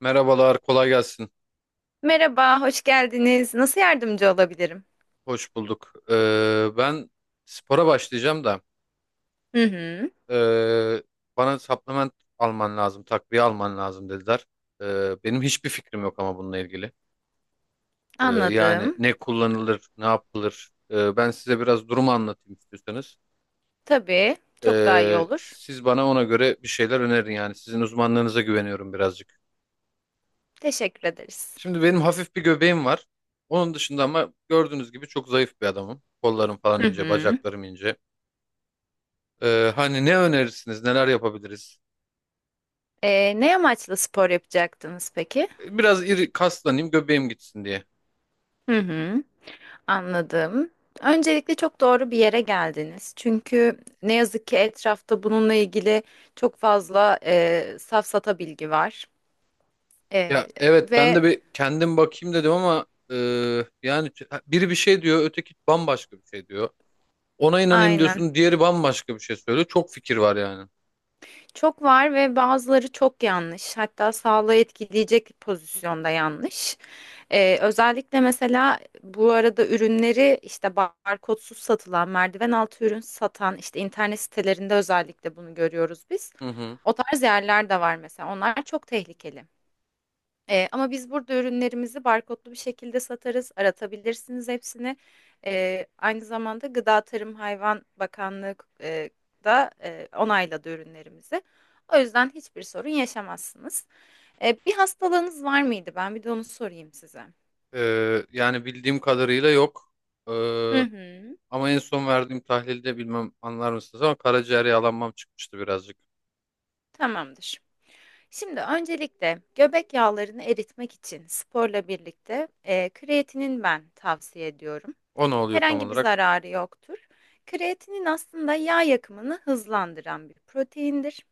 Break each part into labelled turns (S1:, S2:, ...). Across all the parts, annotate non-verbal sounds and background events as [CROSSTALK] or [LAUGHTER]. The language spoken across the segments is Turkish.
S1: Merhabalar, kolay gelsin.
S2: Merhaba, hoş geldiniz. Nasıl yardımcı olabilirim?
S1: Hoş bulduk. Ben spora başlayacağım da
S2: Hı hı,
S1: ee, bana supplement alman lazım, takviye alman lazım dediler. Benim hiçbir fikrim yok ama bununla ilgili. Yani
S2: anladım.
S1: ne kullanılır, ne yapılır. Ben size biraz durumu anlatayım istiyorsanız.
S2: Tabii, çok daha iyi olur.
S1: Siz bana ona göre bir şeyler önerin yani. Sizin uzmanlığınıza güveniyorum birazcık.
S2: Teşekkür ederiz.
S1: Şimdi benim hafif bir göbeğim var. Onun dışında ama gördüğünüz gibi çok zayıf bir adamım. Kollarım falan
S2: Hı
S1: ince,
S2: hı.
S1: bacaklarım ince. Hani ne önerirsiniz, neler yapabiliriz?
S2: Ne amaçla spor yapacaktınız peki?
S1: Biraz iri kaslanayım, göbeğim gitsin diye.
S2: Hı hı, anladım. Öncelikle çok doğru bir yere geldiniz. Çünkü ne yazık ki etrafta bununla ilgili çok fazla safsata bilgi var. E,
S1: Ya evet ben
S2: Ve
S1: de bir kendim bakayım dedim ama yani biri bir şey diyor, öteki bambaşka bir şey diyor. Ona inanayım
S2: aynen.
S1: diyorsun, diğeri bambaşka bir şey söylüyor. Çok fikir var yani.
S2: Çok var ve bazıları çok yanlış. Hatta sağlığı etkileyecek pozisyonda yanlış. Özellikle mesela bu arada ürünleri işte barkodsuz satılan, merdiven altı ürün satan işte internet sitelerinde özellikle bunu görüyoruz biz.
S1: Hı hı.
S2: O tarz yerler de var mesela. Onlar çok tehlikeli. Ama biz burada ürünlerimizi barkodlu bir şekilde satarız. Aratabilirsiniz hepsini. Aynı zamanda Gıda Tarım Hayvan Bakanlığı e, da onayladı ürünlerimizi. O yüzden hiçbir sorun yaşamazsınız. Bir hastalığınız var mıydı? Ben bir de onu sorayım size.
S1: Yani bildiğim kadarıyla yok. Ee,
S2: Hı hı,
S1: ama en son verdiğim tahlilde bilmem anlar mısınız ama karaciğer yağlanmam çıkmıştı birazcık.
S2: tamamdır. Şimdi öncelikle göbek yağlarını eritmek için sporla birlikte kreatinin ben tavsiye ediyorum.
S1: O ne oluyor tam
S2: Herhangi bir
S1: olarak?
S2: zararı yoktur. Kreatinin aslında yağ yakımını hızlandıran bir proteindir.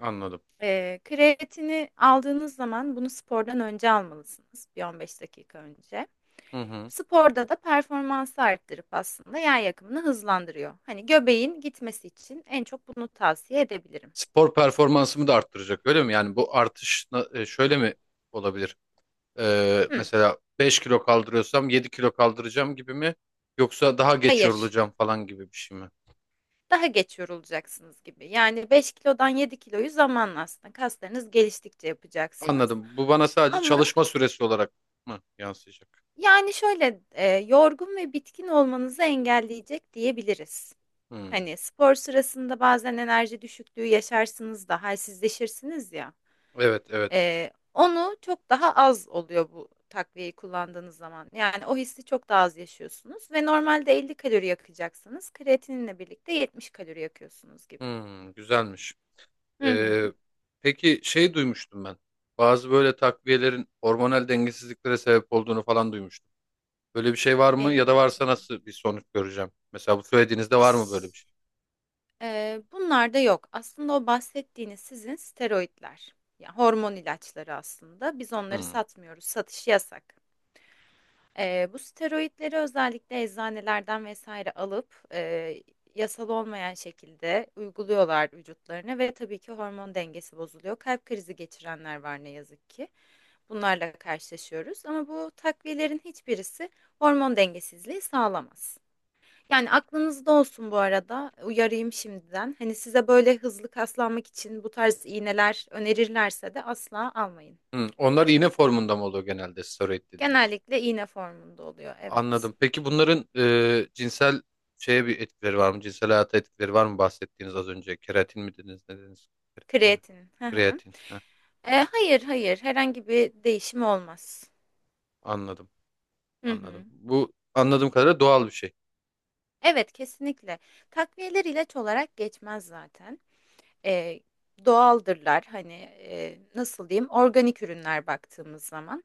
S1: Anladım.
S2: Kreatini aldığınız zaman bunu spordan önce almalısınız, bir 15 dakika önce.
S1: Hı hı.
S2: Sporda da performansı arttırıp aslında yağ yakımını hızlandırıyor. Hani göbeğin gitmesi için en çok bunu tavsiye edebilirim.
S1: Spor performansımı da arttıracak öyle mi? Yani bu artış şöyle mi olabilir?
S2: Hı.
S1: Mesela 5 kilo kaldırıyorsam 7 kilo kaldıracağım gibi mi? Yoksa daha geç
S2: Hayır.
S1: yorulacağım falan gibi bir şey mi?
S2: Daha geç yorulacaksınız gibi. Yani 5 kilodan 7 kiloyu zamanla aslında kaslarınız geliştikçe yapacaksınız.
S1: Anladım. Bu bana sadece
S2: Ama
S1: çalışma süresi olarak mı yansıyacak?
S2: yani şöyle yorgun ve bitkin olmanızı engelleyecek diyebiliriz.
S1: Hmm.
S2: Hani spor sırasında bazen enerji düşüklüğü yaşarsınız da halsizleşirsiniz ya.
S1: Evet evet.
S2: Onu çok daha az oluyor bu takviyeyi kullandığınız zaman. Yani o hissi çok daha az yaşıyorsunuz ve normalde 50 kalori yakacaksanız kreatininle birlikte 70 kalori yakıyorsunuz gibi.
S1: Hmm, güzelmiş.
S2: Hı hı.
S1: Ee, peki şey duymuştum ben. Bazı böyle takviyelerin hormonal dengesizliklere sebep olduğunu falan duymuştum. Böyle bir şey var mı ya da
S2: E,
S1: varsa nasıl bir sonuç göreceğim? Mesela bu söylediğinizde var mı böyle
S2: Ş-
S1: bir şey?
S2: Bunlar da yok. Aslında o bahsettiğiniz sizin steroidler, yani hormon ilaçları aslında. Biz onları
S1: Hmm.
S2: satmıyoruz. Satışı yasak. Bu steroidleri özellikle eczanelerden vesaire alıp yasal olmayan şekilde uyguluyorlar vücutlarına ve tabii ki hormon dengesi bozuluyor. Kalp krizi geçirenler var ne yazık ki. Bunlarla karşılaşıyoruz ama bu takviyelerin hiçbirisi hormon dengesizliği sağlamaz. Yani aklınızda olsun bu arada. Uyarayım şimdiden. Hani size böyle hızlı kaslanmak için bu tarz iğneler önerirlerse de asla almayın.
S1: Hmm. Onlar iğne formunda mı oluyor genelde steroid dediğiniz?
S2: Genellikle iğne formunda oluyor. Evet.
S1: Anladım. Peki bunların cinsel şeye bir etkileri var mı? Cinsel hayata etkileri var mı bahsettiğiniz az önce? Keratin mi dediniz? Ne dediniz? Keratin mi?
S2: Kreatin. Hı hı.
S1: Kreatin. Heh,
S2: Hayır, hayır. Herhangi bir değişim olmaz.
S1: anladım.
S2: Hı
S1: Anladım.
S2: hı.
S1: Bu anladığım kadarıyla doğal bir şey.
S2: Evet, kesinlikle. Takviyeler ilaç olarak geçmez zaten. E, Doğaldırlar. Hani nasıl diyeyim? Organik ürünler baktığımız zaman.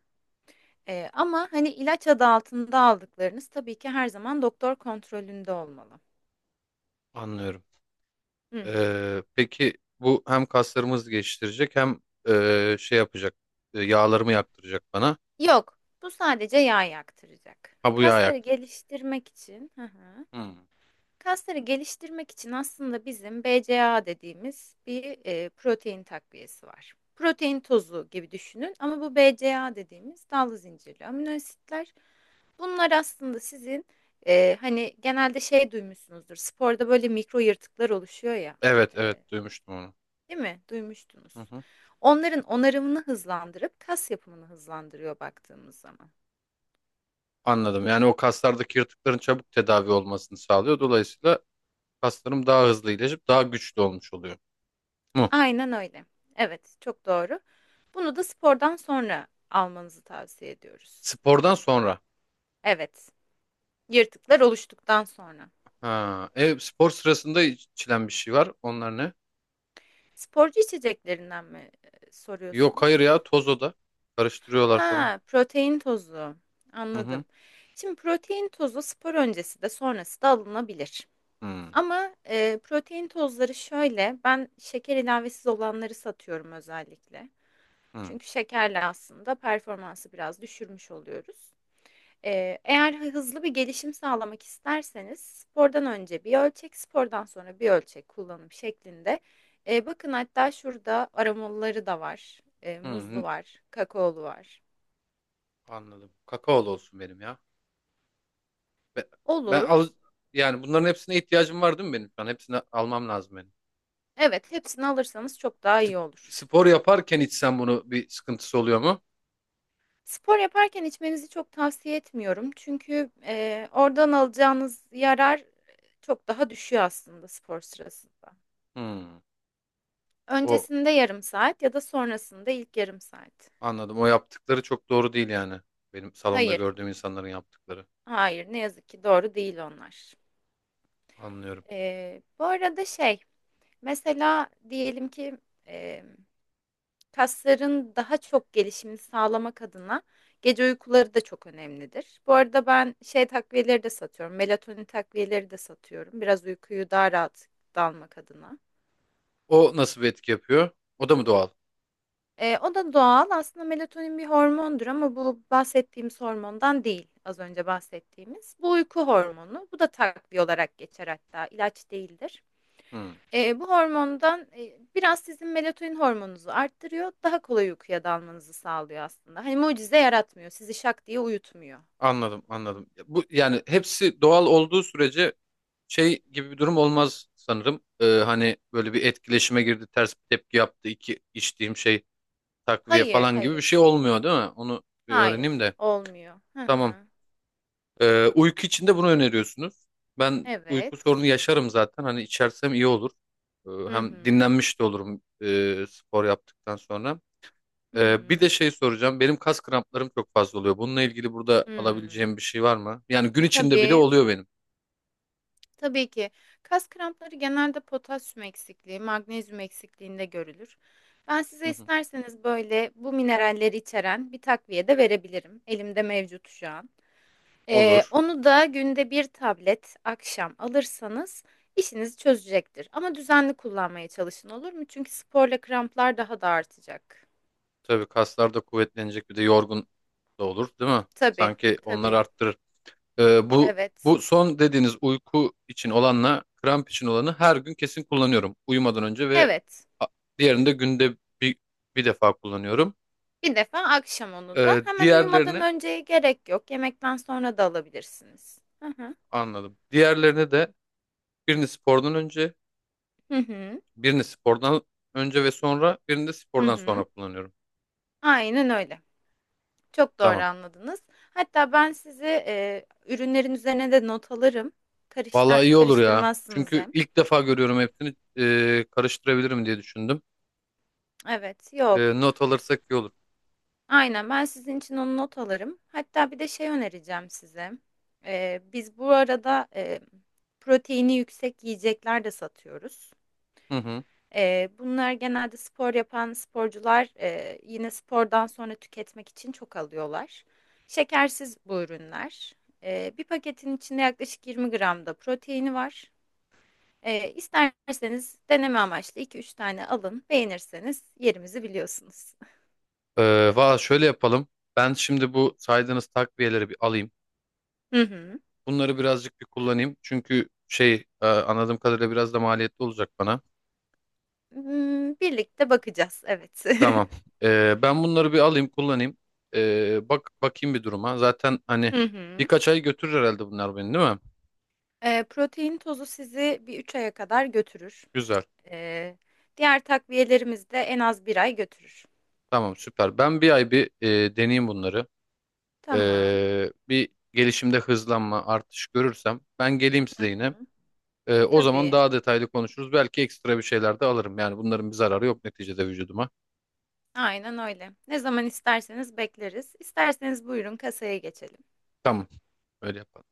S2: Ama hani ilaç adı altında aldıklarınız tabii ki her zaman doktor kontrolünde olmalı.
S1: Anlıyorum.
S2: Hı hı.
S1: Peki bu hem kaslarımızı geliştirecek hem şey yapacak. Yağlarımı yaktıracak bana.
S2: Yok, bu sadece yağ yaktıracak.
S1: Ha bu yağ
S2: Kasları
S1: yaktıracak.
S2: geliştirmek için, hı hı.
S1: Hmm.
S2: Kasları geliştirmek için aslında bizim BCAA dediğimiz bir protein takviyesi var. Protein tozu gibi düşünün ama bu BCAA dediğimiz dallı zincirli amino asitler. Bunlar aslında sizin hani genelde şey duymuşsunuzdur. Sporda böyle mikro yırtıklar oluşuyor ya.
S1: Evet evet duymuştum onu.
S2: Değil mi?
S1: Hı
S2: Duymuştunuz.
S1: hı.
S2: Onların onarımını hızlandırıp kas yapımını hızlandırıyor baktığımız zaman.
S1: Anladım. Yani o kaslardaki yırtıkların çabuk tedavi olmasını sağlıyor. Dolayısıyla kaslarım daha hızlı iyileşip daha güçlü olmuş oluyor. Mu?
S2: Aynen öyle. Evet, çok doğru. Bunu da spordan sonra almanızı tavsiye ediyoruz.
S1: Spordan sonra.
S2: Evet, yırtıklar oluştuktan sonra.
S1: Ha, spor sırasında içilen bir şey var. Onlar ne?
S2: Sporcu içeceklerinden mi
S1: Yok hayır
S2: soruyorsunuz?
S1: ya toz o da. Karıştırıyorlar falan.
S2: Ha, protein tozu.
S1: Hı hı.
S2: Anladım. Şimdi protein tozu spor öncesi de sonrası da alınabilir.
S1: Hı
S2: Ama, protein tozları şöyle, ben şeker ilavesiz olanları satıyorum özellikle.
S1: hı.
S2: Çünkü şekerle aslında performansı biraz düşürmüş oluyoruz. Eğer hızlı bir gelişim sağlamak isterseniz spordan önce bir ölçek, spordan sonra bir ölçek kullanım şeklinde. Bakın hatta şurada aromalıları da var. Muzlu
S1: Hı.
S2: var, kakaolu var.
S1: Anladım. Kakaolu olsun benim ya. Be- Ben,
S2: Olur.
S1: al yani bunların hepsine ihtiyacım var değil mi benim? Ben hepsini almam lazım benim.
S2: Evet, hepsini alırsanız çok daha
S1: Sp-
S2: iyi olur.
S1: Spor yaparken içsem bunu bir sıkıntısı oluyor mu?
S2: Spor yaparken içmenizi çok tavsiye etmiyorum. Çünkü, oradan alacağınız yarar çok daha düşüyor aslında spor sırasında.
S1: Hı. O
S2: Öncesinde yarım saat ya da sonrasında ilk yarım saat.
S1: Anladım. O yaptıkları çok doğru değil yani. Benim salonda
S2: Hayır,
S1: gördüğüm insanların yaptıkları.
S2: hayır ne yazık ki doğru değil onlar.
S1: Anlıyorum.
S2: Bu arada şey, mesela diyelim ki, kasların daha çok gelişimini sağlamak adına gece uykuları da çok önemlidir. Bu arada ben şey takviyeleri de satıyorum. Melatonin takviyeleri de satıyorum. Biraz uykuyu daha rahat dalmak adına.
S1: O nasıl bir etki yapıyor? O da mı doğal?
S2: O da doğal. Aslında melatonin bir hormondur ama bu bahsettiğimiz hormondan değil. Az önce bahsettiğimiz. Bu uyku hormonu. Bu da takviye olarak geçer hatta. İlaç değildir.
S1: Hmm.
S2: Bu hormondan biraz sizin melatonin hormonunuzu arttırıyor. Daha kolay uykuya dalmanızı sağlıyor aslında. Hani mucize yaratmıyor. Sizi şak diye uyutmuyor.
S1: Anladım, anladım. Ya bu yani hepsi doğal olduğu sürece şey gibi bir durum olmaz sanırım. Hani böyle bir etkileşime girdi, ters bir tepki yaptı, iki içtiğim şey takviye
S2: Hayır,
S1: falan gibi bir
S2: hayır.
S1: şey olmuyor değil mi? Onu bir öğreneyim
S2: Hayır,
S1: de.
S2: olmuyor. Hı
S1: Tamam.
S2: hı.
S1: Uyku için de bunu öneriyorsunuz. Ben uyku
S2: Evet.
S1: sorunu yaşarım zaten. Hani içersem iyi olur.
S2: Hı hı.
S1: Hem dinlenmiş de olurum spor yaptıktan sonra.
S2: Hı
S1: Bir de
S2: hı.
S1: şey soracağım. Benim kas kramplarım çok fazla oluyor. Bununla ilgili burada
S2: Hmm.
S1: alabileceğim bir şey var mı? Yani gün içinde bile
S2: Tabii.
S1: oluyor benim.
S2: Tabii ki. Kas krampları genelde potasyum eksikliği, magnezyum eksikliğinde görülür. Ben
S1: Hı
S2: size
S1: hı.
S2: isterseniz böyle bu mineralleri içeren bir takviye de verebilirim. Elimde mevcut şu an.
S1: Olur.
S2: Onu da günde bir tablet akşam alırsanız işinizi çözecektir. Ama düzenli kullanmaya çalışın olur mu? Çünkü sporla kramplar daha da artacak.
S1: Tabii kaslar da kuvvetlenecek bir de yorgun da olur, değil mi?
S2: Tabii,
S1: Sanki onlar
S2: tabii.
S1: arttırır. Ee, bu
S2: Evet.
S1: bu son dediğiniz uyku için olanla kramp için olanı her gün kesin kullanıyorum. Uyumadan önce ve
S2: Evet.
S1: a- diğerini de günde bir, bir defa kullanıyorum.
S2: Bir defa akşam onu da hemen uyumadan
S1: Diğerlerini
S2: önceye gerek yok. Yemekten sonra da alabilirsiniz. Hı hı.
S1: anladım. Diğerlerini de birini spordan önce,
S2: Hı hı.
S1: birini spordan önce ve sonra, birini de
S2: Hı
S1: spordan sonra
S2: hı.
S1: kullanıyorum.
S2: Aynen öyle. Çok doğru
S1: Tamam.
S2: anladınız. Hatta ben size ürünlerin üzerine de not alırım.
S1: Vallahi iyi olur ya.
S2: Karıştırmazsınız
S1: Çünkü
S2: hem.
S1: ilk defa görüyorum hepsini karıştırabilirim diye düşündüm.
S2: Evet, yok.
S1: Not alırsak iyi olur.
S2: Aynen ben sizin için onu not alırım. Hatta bir de şey önereceğim size. Biz bu arada proteini yüksek yiyecekler de satıyoruz.
S1: Hı hı.
S2: Bunlar genelde spor yapan sporcular yine spordan sonra tüketmek için çok alıyorlar. Şekersiz bu ürünler. Bir paketin içinde yaklaşık 20 gram da proteini var. İsterseniz deneme amaçlı iki üç tane alın. Beğenirseniz yerimizi biliyorsunuz.
S1: Valla şöyle yapalım. Ben şimdi bu saydığınız takviyeleri bir alayım.
S2: [LAUGHS] Hı hı.
S1: Bunları birazcık bir kullanayım. Çünkü şey anladığım kadarıyla biraz da maliyetli olacak bana.
S2: Birlikte bakacağız, evet.
S1: Tamam.
S2: [LAUGHS]
S1: Ben bunları bir alayım kullanayım. Bak bakayım bir duruma. Zaten hani
S2: Hı hı.
S1: birkaç ay götürür herhalde bunlar beni değil mi?
S2: Protein tozu sizi bir 3 aya kadar götürür.
S1: Güzel.
S2: Eee, Diğer takviyelerimiz de en az bir ay götürür.
S1: Tamam süper. Ben bir ay bir deneyeyim bunları.
S2: Tamam.
S1: Bir gelişimde hızlanma artış görürsem ben geleyim
S2: Hı
S1: size yine.
S2: hı.
S1: O zaman
S2: Tabii.
S1: daha detaylı konuşuruz. Belki ekstra bir şeyler de alırım. Yani bunların bir zararı yok neticede vücuduma.
S2: Aynen öyle. Ne zaman isterseniz bekleriz. İsterseniz buyurun kasaya geçelim.
S1: Tamam öyle yapalım.